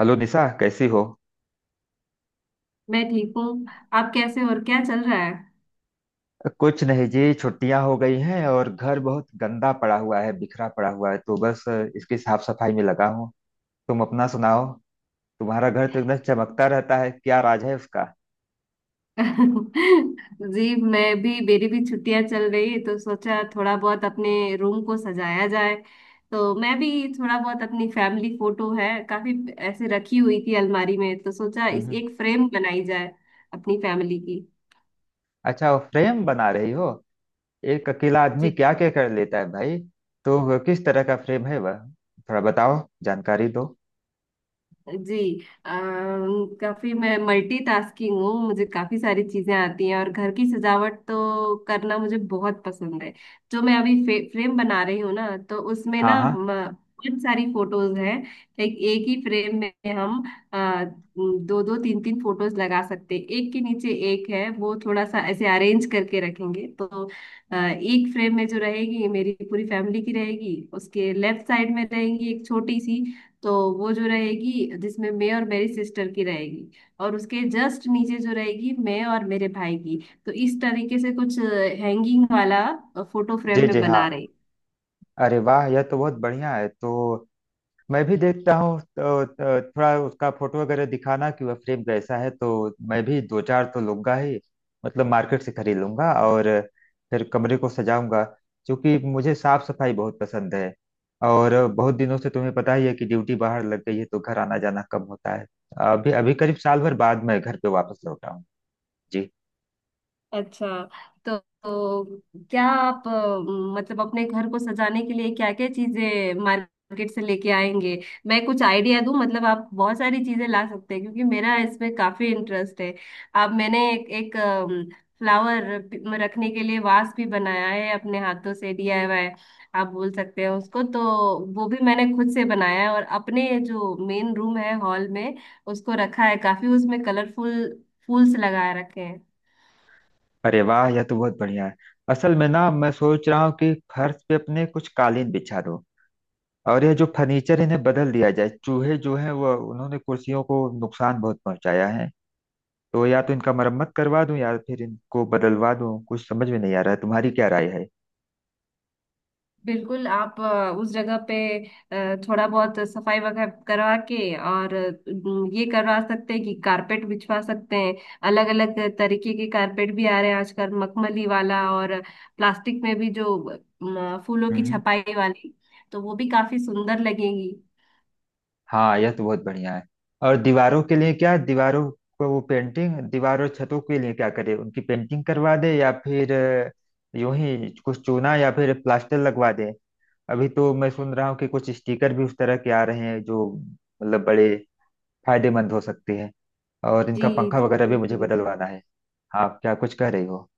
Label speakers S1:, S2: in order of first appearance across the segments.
S1: Hello Nisha कैसी हो।
S2: मैं ठीक हूँ। आप कैसे हो और क्या चल रहा है?
S1: कुछ नहीं जी, छुट्टियां हो गई हैं और घर बहुत गंदा पड़ा हुआ है, बिखरा पड़ा हुआ है, तो बस इसकी साफ सफाई में लगा हूँ। तुम अपना सुनाओ। तुम्हारा घर तो एकदम चमकता रहता है, क्या राज है उसका।
S2: जी मैं भी, मेरी भी छुट्टियां चल रही है तो सोचा थोड़ा बहुत अपने रूम को सजाया जाए। तो मैं भी थोड़ा बहुत अपनी फैमिली फोटो है, काफी ऐसे रखी हुई थी अलमारी में, तो सोचा इस
S1: हम्म।
S2: एक फ्रेम बनाई जाए अपनी फैमिली की।
S1: अच्छा, वो फ्रेम बना रही हो। एक अकेला आदमी क्या क्या कर लेता है भाई। तो वो किस तरह का फ्रेम है वह, थोड़ा बताओ, जानकारी दो।
S2: जी, काफी मैं मल्टीटास्किंग हूँ, मुझे काफी सारी चीजें आती हैं और घर की सजावट तो करना मुझे बहुत पसंद है। जो मैं अभी फ्रेम बना रही हूँ ना, तो उसमें
S1: हाँ
S2: ना
S1: हाँ।
S2: बहुत सारी फोटोज हैं। लाइक एक ही फ्रेम में हम आ, दो दो तीन तीन फोटोज लगा सकते हैं, एक के नीचे एक है, वो थोड़ा सा ऐसे अरेंज करके रखेंगे तो एक फ्रेम में जो रहेगी मेरी पूरी फैमिली की रहेगी, उसके लेफ्ट साइड में रहेंगी एक छोटी सी। तो वो जो रहेगी जिसमें मैं और मेरी सिस्टर की रहेगी, और उसके जस्ट नीचे जो रहेगी मैं और मेरे भाई की। तो इस तरीके से कुछ हैंगिंग वाला फोटो
S1: जी
S2: फ्रेम में
S1: जी हाँ।
S2: बना रहे।
S1: अरे वाह, यह तो बहुत बढ़िया है। तो मैं भी देखता हूँ तो थोड़ा उसका फोटो वगैरह दिखाना कि वह फ्रेम कैसा है। तो मैं भी दो चार तो लूंगा ही, मतलब मार्केट से खरीद लूंगा और फिर कमरे को सजाऊंगा, क्योंकि मुझे साफ सफाई बहुत पसंद है। और बहुत दिनों से तुम्हें पता ही है कि ड्यूटी बाहर लग गई है तो घर आना जाना कम होता है। अभी अभी करीब साल भर बाद मैं घर पे वापस लौटा हूँ। जी।
S2: अच्छा, तो क्या आप, मतलब अपने घर को सजाने के लिए क्या क्या चीजें मार्केट से लेके आएंगे? मैं कुछ आइडिया दूं, मतलब आप बहुत सारी चीजें ला सकते हैं क्योंकि मेरा इसमें काफी इंटरेस्ट है। अब मैंने एक फ्लावर रखने के लिए वास भी बनाया है अपने हाथों से, DIY आप बोल सकते हैं उसको, तो वो भी मैंने खुद से बनाया है। और अपने जो मेन रूम है हॉल में, उसको रखा है काफी उसमें कलरफुल फूल्स लगा रखे हैं।
S1: अरे वाह, यह तो बहुत बढ़िया है। असल में ना, मैं सोच रहा हूँ कि फर्श पे अपने कुछ कालीन बिछा दूं, और यह जो फर्नीचर इन्हें बदल दिया जाए। चूहे जो हैं वह, उन्होंने कुर्सियों को नुकसान बहुत पहुंचाया है। तो या तो इनका मरम्मत करवा दूं, या फिर इनको बदलवा दूं, कुछ समझ में नहीं आ रहा है। तुम्हारी क्या राय है।
S2: बिल्कुल आप उस जगह पे थोड़ा बहुत सफाई वगैरह करवा के और ये करवा सकते हैं कि कारपेट बिछवा सकते हैं। अलग अलग तरीके के कारपेट भी आ रहे हैं आजकल, मखमली वाला और प्लास्टिक में भी जो फूलों की
S1: हम्म।
S2: छपाई वाली, तो वो भी काफी सुंदर लगेंगी।
S1: हाँ, यह तो बहुत बढ़िया है। और दीवारों के लिए क्या, दीवारों को वो पेंटिंग, दीवारों छतों के लिए क्या करे, उनकी पेंटिंग करवा दे या फिर यूं ही कुछ चूना या फिर प्लास्टर लगवा दे। अभी तो मैं सुन रहा हूँ कि कुछ स्टिकर भी उस तरह के आ रहे हैं जो मतलब बड़े फायदेमंद हो सकते हैं। और
S2: जी
S1: इनका पंखा
S2: जी,
S1: वगैरह भी मुझे
S2: बिल्कुल।
S1: बदलवाना है। आप क्या कुछ कह रही हो।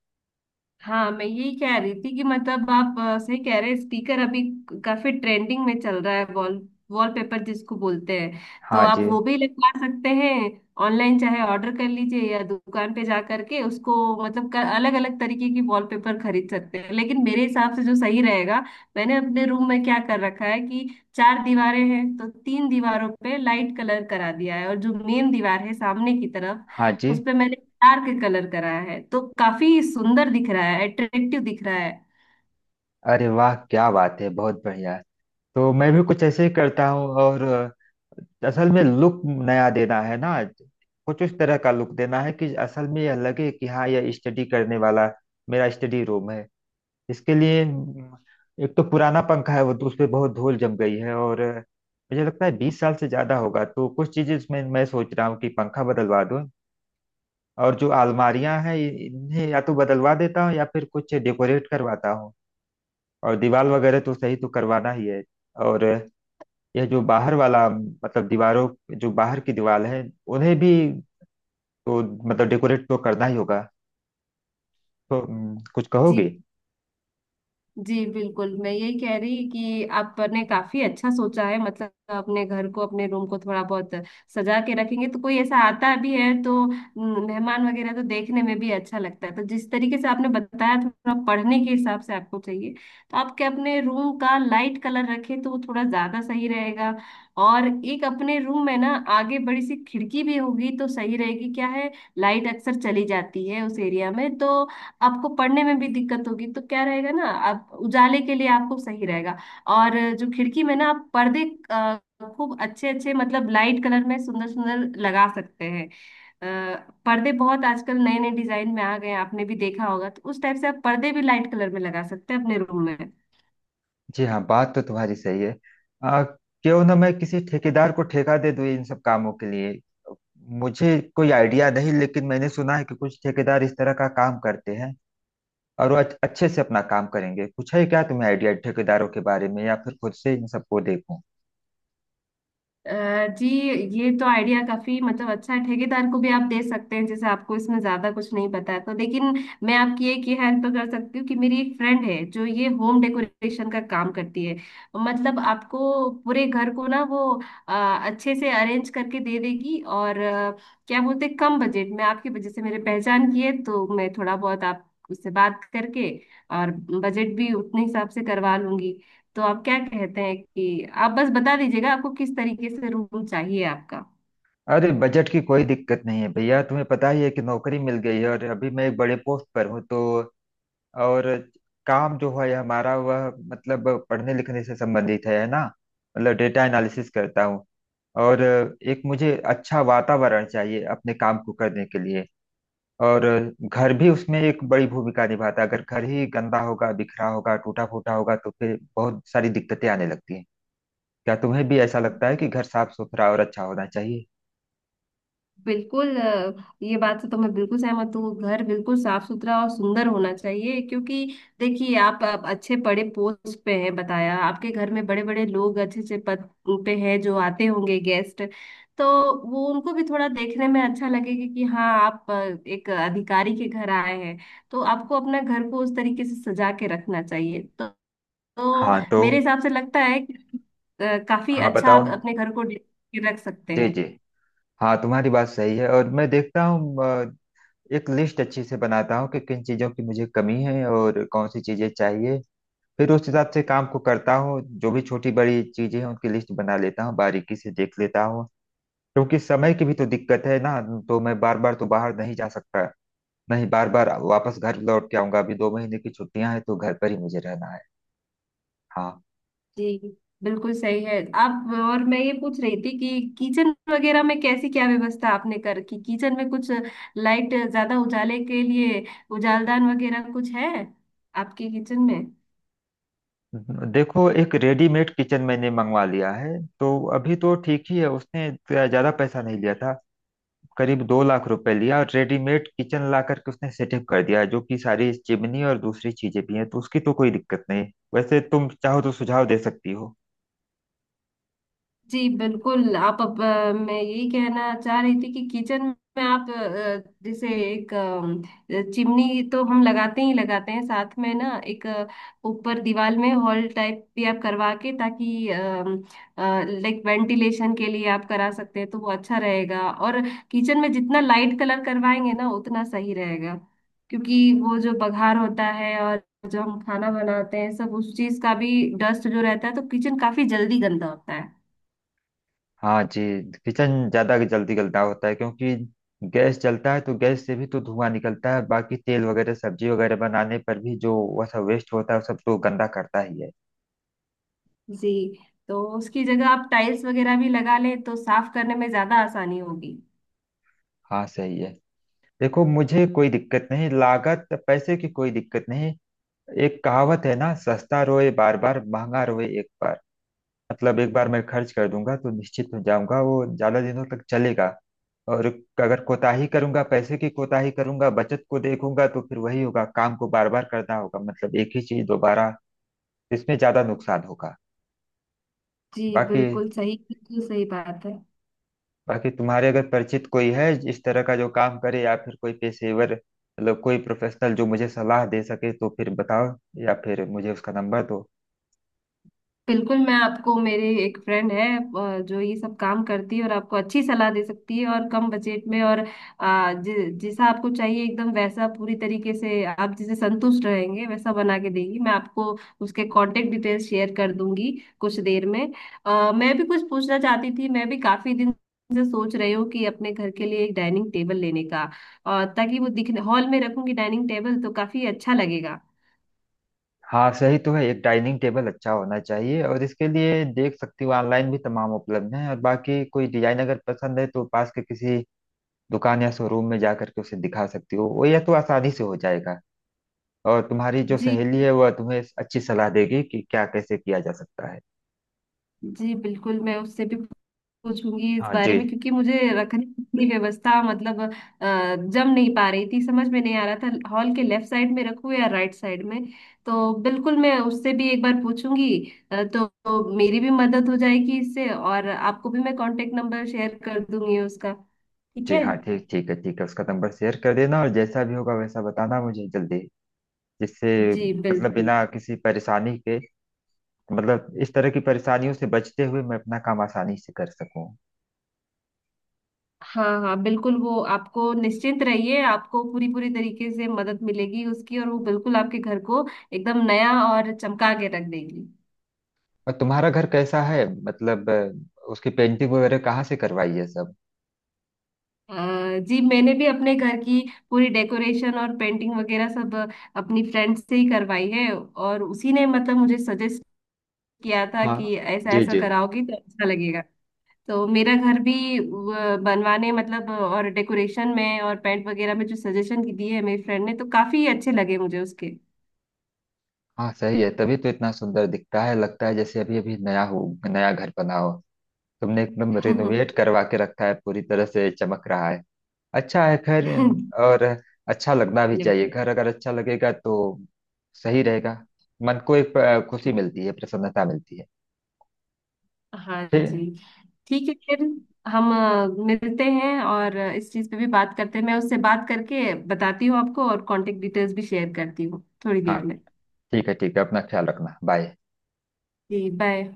S2: हाँ मैं यही कह रही थी कि मतलब आप, सही कह रहे हैं, स्पीकर अभी काफी ट्रेंडिंग में चल रहा है। वॉलपेपर जिसको बोलते हैं, तो
S1: हाँ जी।
S2: आप वो भी लगवा सकते हैं, ऑनलाइन चाहे ऑर्डर कर लीजिए या दुकान पे जा करके उसको, मतलब अलग अलग तरीके की वॉलपेपर खरीद सकते हैं। लेकिन मेरे हिसाब से जो सही रहेगा, मैंने अपने रूम में क्या कर रखा है कि चार दीवारें हैं तो तीन दीवारों पे लाइट कलर करा दिया है, और जो मेन दीवार है सामने की तरफ,
S1: हाँ जी।
S2: उस पे मैंने डार्क कलर करा है तो काफी सुंदर दिख रहा है, अट्रैक्टिव दिख रहा है।
S1: अरे वाह, क्या बात है, बहुत बढ़िया। तो मैं भी कुछ ऐसे ही करता हूँ। और असल में लुक नया देना है ना, कुछ उस तरह का लुक देना है कि असल में यह लगे कि हाँ, यह स्टडी करने वाला मेरा स्टडी रूम है। इसके लिए एक तो पुराना पंखा है, वो तो उस पे बहुत धूल जम गई है और मुझे लगता है 20 साल से ज्यादा होगा। तो कुछ चीजें उसमें मैं सोच रहा हूँ कि पंखा बदलवा दूं, और जो अलमारियां हैं इन्हें या तो बदलवा देता हूँ या फिर कुछ डेकोरेट करवाता हूँ। और दीवार वगैरह तो सही तो करवाना ही है। और यह जो बाहर वाला, मतलब दीवारों, जो बाहर की दीवार है, उन्हें भी तो मतलब डेकोरेट तो करना ही होगा। तो कुछ
S2: जी,
S1: कहोगे।
S2: जी बिल्कुल, मैं यही कह रही कि आपने काफी अच्छा सोचा है। मतलब अपने घर को, अपने रूम को थोड़ा बहुत सजा के रखेंगे तो कोई ऐसा आता भी है तो मेहमान वगैरह तो देखने में भी अच्छा लगता है। तो जिस तरीके से आपने बताया, थोड़ा पढ़ने के हिसाब से आपको चाहिए तो आपके अपने रूम का लाइट कलर रखे तो वो थोड़ा ज्यादा सही रहेगा। और एक अपने रूम में ना आगे बड़ी सी खिड़की भी होगी तो सही रहेगी, क्या है लाइट अक्सर चली जाती है उस एरिया में, तो आपको पढ़ने में भी दिक्कत होगी, तो क्या रहेगा ना आप उजाले के लिए आपको सही रहेगा। और जो खिड़की में ना आप पर्दे अ, खूब अच्छे अच्छे मतलब लाइट कलर में सुंदर सुंदर लगा सकते हैं। पर्दे बहुत आजकल नए नए डिजाइन में आ गए हैं, आपने भी देखा होगा, तो उस टाइप से आप पर्दे भी लाइट कलर में लगा सकते हैं अपने रूम में।
S1: जी हाँ, बात तो तुम्हारी सही है। क्यों ना मैं किसी ठेकेदार को ठेका दे दूं इन सब कामों के लिए। मुझे कोई आइडिया नहीं, लेकिन मैंने सुना है कि कुछ ठेकेदार इस तरह का काम करते हैं और वो अच्छे से अपना काम करेंगे। कुछ है क्या तुम्हें आइडिया ठेकेदारों के बारे में, या फिर खुद से इन सबको देखूं।
S2: अ, जी ये तो आइडिया काफी मतलब अच्छा है, ठेकेदार को भी आप दे सकते हैं, जैसे आपको इसमें ज्यादा कुछ नहीं पता है तो। लेकिन मैं आपकी एक ये हेल्प कर सकती हूँ कि मेरी एक फ्रेंड है जो ये होम डेकोरेशन का काम करती है। मतलब आपको पूरे घर को ना वो अ, अच्छे से अरेंज करके दे देगी। और क्या बोलते हैं, कम बजट में, आपकी वजह से मेरे पहचान की है तो मैं थोड़ा बहुत आप उससे बात करके और बजट भी उतने हिसाब से करवा लूंगी। तो आप क्या कहते हैं कि आप बस बता दीजिएगा आपको किस तरीके से रूम चाहिए आपका।
S1: अरे, बजट की कोई दिक्कत नहीं है भैया। तुम्हें पता ही है कि नौकरी मिल गई है और अभी मैं एक बड़े पोस्ट पर हूँ। तो और काम जो है हमारा वह मतलब पढ़ने लिखने से संबंधित है ना। मतलब डेटा एनालिसिस करता हूँ। और एक मुझे अच्छा वातावरण चाहिए अपने काम को करने के लिए। और घर भी उसमें एक बड़ी भूमिका निभाता है। अगर घर ही गंदा होगा, बिखरा होगा, टूटा फूटा होगा, तो फिर बहुत सारी दिक्कतें आने लगती हैं। क्या तुम्हें भी ऐसा लगता है कि घर साफ सुथरा और अच्छा होना चाहिए।
S2: बिल्कुल, ये बात से तो मैं बिल्कुल सहमत हूँ, घर बिल्कुल साफ सुथरा और सुंदर होना चाहिए। क्योंकि देखिए आप अच्छे बड़े पोस्ट पे हैं बताया, आपके घर में बड़े बड़े लोग अच्छे अच्छे पद पे हैं जो आते होंगे गेस्ट, तो वो उनको भी थोड़ा देखने में अच्छा लगेगा कि हाँ आप एक अधिकारी के घर आए हैं। तो आपको अपना घर को उस तरीके से सजा के रखना चाहिए। तो तो
S1: हाँ तो।
S2: मेरे हिसाब से लगता है कि काफी
S1: हाँ
S2: अच्छा
S1: बताओ।
S2: आप अपने घर को डेकोरेट के रख सकते
S1: जी
S2: हैं।
S1: जी। हाँ तुम्हारी बात सही है। और मैं देखता हूँ, एक लिस्ट अच्छी से बनाता हूँ कि किन चीज़ों की मुझे कमी है और कौन सी चीज़ें चाहिए। फिर उस हिसाब से काम को करता हूँ। जो भी छोटी बड़ी चीज़ें हैं उनकी लिस्ट बना लेता हूँ, बारीकी से देख लेता हूँ। क्योंकि समय की भी तो दिक्कत है ना। तो मैं बार बार तो बाहर नहीं जा सकता, नहीं बार बार वापस घर लौट के आऊंगा। अभी 2 महीने की छुट्टियां हैं तो घर पर ही मुझे रहना है। हाँ।
S2: जी बिल्कुल सही है आप। और मैं ये पूछ रही थी कि किचन वगैरह में कैसी क्या व्यवस्था आपने कर की, किचन में कुछ लाइट ज्यादा उजाले के लिए उजालदान वगैरह कुछ है आपके किचन में?
S1: देखो, एक रेडीमेड किचन मैंने मंगवा लिया है, तो अभी तो ठीक ही है। उसने ज्यादा पैसा नहीं लिया था, करीब 2 लाख रुपए लिया, और रेडीमेड किचन ला करके उसने सेटअप कर दिया है, जो कि सारी चिमनी और दूसरी चीजें भी हैं, तो उसकी तो कोई दिक्कत नहीं। वैसे तुम चाहो तो सुझाव दे सकती हो।
S2: जी बिल्कुल आप, अब मैं यही कहना चाह रही थी कि किचन में आप, जैसे एक चिमनी तो हम लगाते ही लगाते हैं, साथ में ना एक ऊपर दीवार में हॉल टाइप भी आप करवा के ताकि लाइक वेंटिलेशन के लिए आप करा सकते हैं तो वो अच्छा रहेगा। और किचन में जितना लाइट कलर करवाएंगे ना उतना सही रहेगा, क्योंकि वो जो बघार होता है और जो हम खाना बनाते हैं सब उस चीज का भी डस्ट जो रहता है तो किचन काफी जल्दी गंदा होता है।
S1: हाँ जी। किचन ज्यादा जल्दी गलता होता है क्योंकि गैस जलता है तो गैस से भी तो धुआं निकलता है, बाकी तेल वगैरह सब्जी वगैरह बनाने पर भी जो वह सब वेस्ट होता है वो सब तो गंदा करता ही है।
S2: जी, तो उसकी जगह आप टाइल्स वगैरह भी लगा लें तो साफ करने में ज्यादा आसानी होगी।
S1: हाँ सही है। देखो, मुझे कोई दिक्कत नहीं, लागत पैसे की कोई दिक्कत नहीं। एक कहावत है ना, सस्ता रोए बार बार, महंगा रोए एक बार। मतलब एक बार मैं खर्च कर दूंगा तो निश्चित हो जाऊंगा, वो ज्यादा दिनों तक चलेगा। और अगर कोताही करूंगा, पैसे की कोताही करूंगा, बचत को देखूंगा, तो फिर वही होगा, काम को बार बार करना होगा, मतलब एक ही चीज दोबारा। इसमें ज्यादा नुकसान होगा।
S2: जी
S1: बाकी,
S2: बिल्कुल सही, बिल्कुल सही बात है।
S1: बाकी तुम्हारे अगर परिचित कोई है इस तरह का जो काम करे, या फिर कोई पेशेवर, मतलब कोई प्रोफेशनल जो मुझे सलाह दे सके, तो फिर बताओ, या फिर मुझे उसका नंबर दो।
S2: बिल्कुल, मैं आपको, मेरे एक फ्रेंड है जो ये सब काम करती है और आपको अच्छी सलाह दे सकती है और कम बजट में और जैसा आपको चाहिए एकदम वैसा पूरी तरीके से आप जिसे संतुष्ट रहेंगे वैसा बना के देगी। मैं आपको उसके कांटेक्ट डिटेल्स शेयर कर दूंगी कुछ देर में। मैं भी कुछ पूछना चाहती थी, मैं भी काफी दिन से सोच रही हूँ कि अपने घर के लिए एक डाइनिंग टेबल लेने का, ताकि वो दिखने हॉल में रखूंगी डाइनिंग टेबल तो काफी अच्छा लगेगा।
S1: हाँ सही तो है, एक डाइनिंग टेबल अच्छा होना चाहिए। और इसके लिए देख सकती हो, ऑनलाइन भी तमाम उपलब्ध हैं, और बाकी कोई डिजाइन अगर पसंद है तो पास के किसी दुकान या शोरूम में जा करके उसे दिखा सकती हो, वो यह तो आसानी से हो जाएगा। और तुम्हारी जो
S2: जी,
S1: सहेली है वह तुम्हें अच्छी सलाह देगी कि क्या कैसे किया जा सकता है।
S2: जी बिल्कुल, मैं उससे भी सोचूंगी इस
S1: हाँ
S2: बारे
S1: जी।
S2: में, क्योंकि मुझे रखने की व्यवस्था मतलब जम नहीं पा रही थी, समझ में नहीं आ रहा था हॉल के लेफ्ट साइड में रखूं या राइट साइड में। तो बिल्कुल मैं उससे भी एक बार पूछूंगी, तो मेरी भी मदद हो जाएगी इससे, और आपको भी मैं कांटेक्ट नंबर शेयर कर दूंगी उसका। ठीक
S1: जी
S2: है।
S1: हाँ ठीक, ठीक है, ठीक है, उसका नंबर शेयर कर देना और जैसा भी होगा वैसा बताना मुझे जल्दी, जिससे
S2: जी
S1: मतलब
S2: बिल्कुल।
S1: बिना किसी परेशानी के, मतलब इस तरह की परेशानियों से बचते हुए मैं अपना काम आसानी से कर सकूं।
S2: हाँ हाँ, बिल्कुल वो आपको, निश्चिंत रहिए आपको पूरी पूरी तरीके से मदद मिलेगी उसकी, और वो बिल्कुल आपके घर को एकदम नया और चमका के रख देगी।
S1: और तुम्हारा घर कैसा है, मतलब उसकी पेंटिंग वगैरह कहाँ से करवाई है सब।
S2: अ, जी मैंने भी अपने घर की पूरी डेकोरेशन और पेंटिंग वगैरह सब अपनी फ्रेंड से ही करवाई है, और उसी ने मतलब मुझे सजेस्ट किया था
S1: हाँ।
S2: कि ऐसा
S1: जी
S2: ऐसा
S1: जी।
S2: कराओगी तो अच्छा लगेगा। तो मेरा घर भी बनवाने मतलब, और डेकोरेशन में और पेंट वगैरह में जो सजेशन की दिए है मेरी फ्रेंड ने तो काफी अच्छे लगे मुझे उसके।
S1: हाँ सही है, तभी तो इतना सुंदर दिखता है, लगता है जैसे अभी अभी नया हो, नया घर बना हो। तुमने एकदम रिनोवेट करवा के रखा है, पूरी तरह से चमक रहा है। अच्छा है, खैर।
S2: धन्यवाद।
S1: और अच्छा लगना भी चाहिए, घर अगर अच्छा लगेगा तो सही रहेगा। मन को एक खुशी मिलती है, प्रसन्नता मिलती है।
S2: हाँ
S1: ठीक।
S2: जी। ठीक है फिर हम मिलते हैं और इस चीज़ पे भी बात करते हैं, मैं उससे बात करके बताती हूँ आपको, और कांटेक्ट डिटेल्स भी शेयर करती हूँ थोड़ी
S1: हाँ
S2: देर में।
S1: ठीक है, ठीक है, अपना ख्याल रखना, बाय।
S2: जी बाय।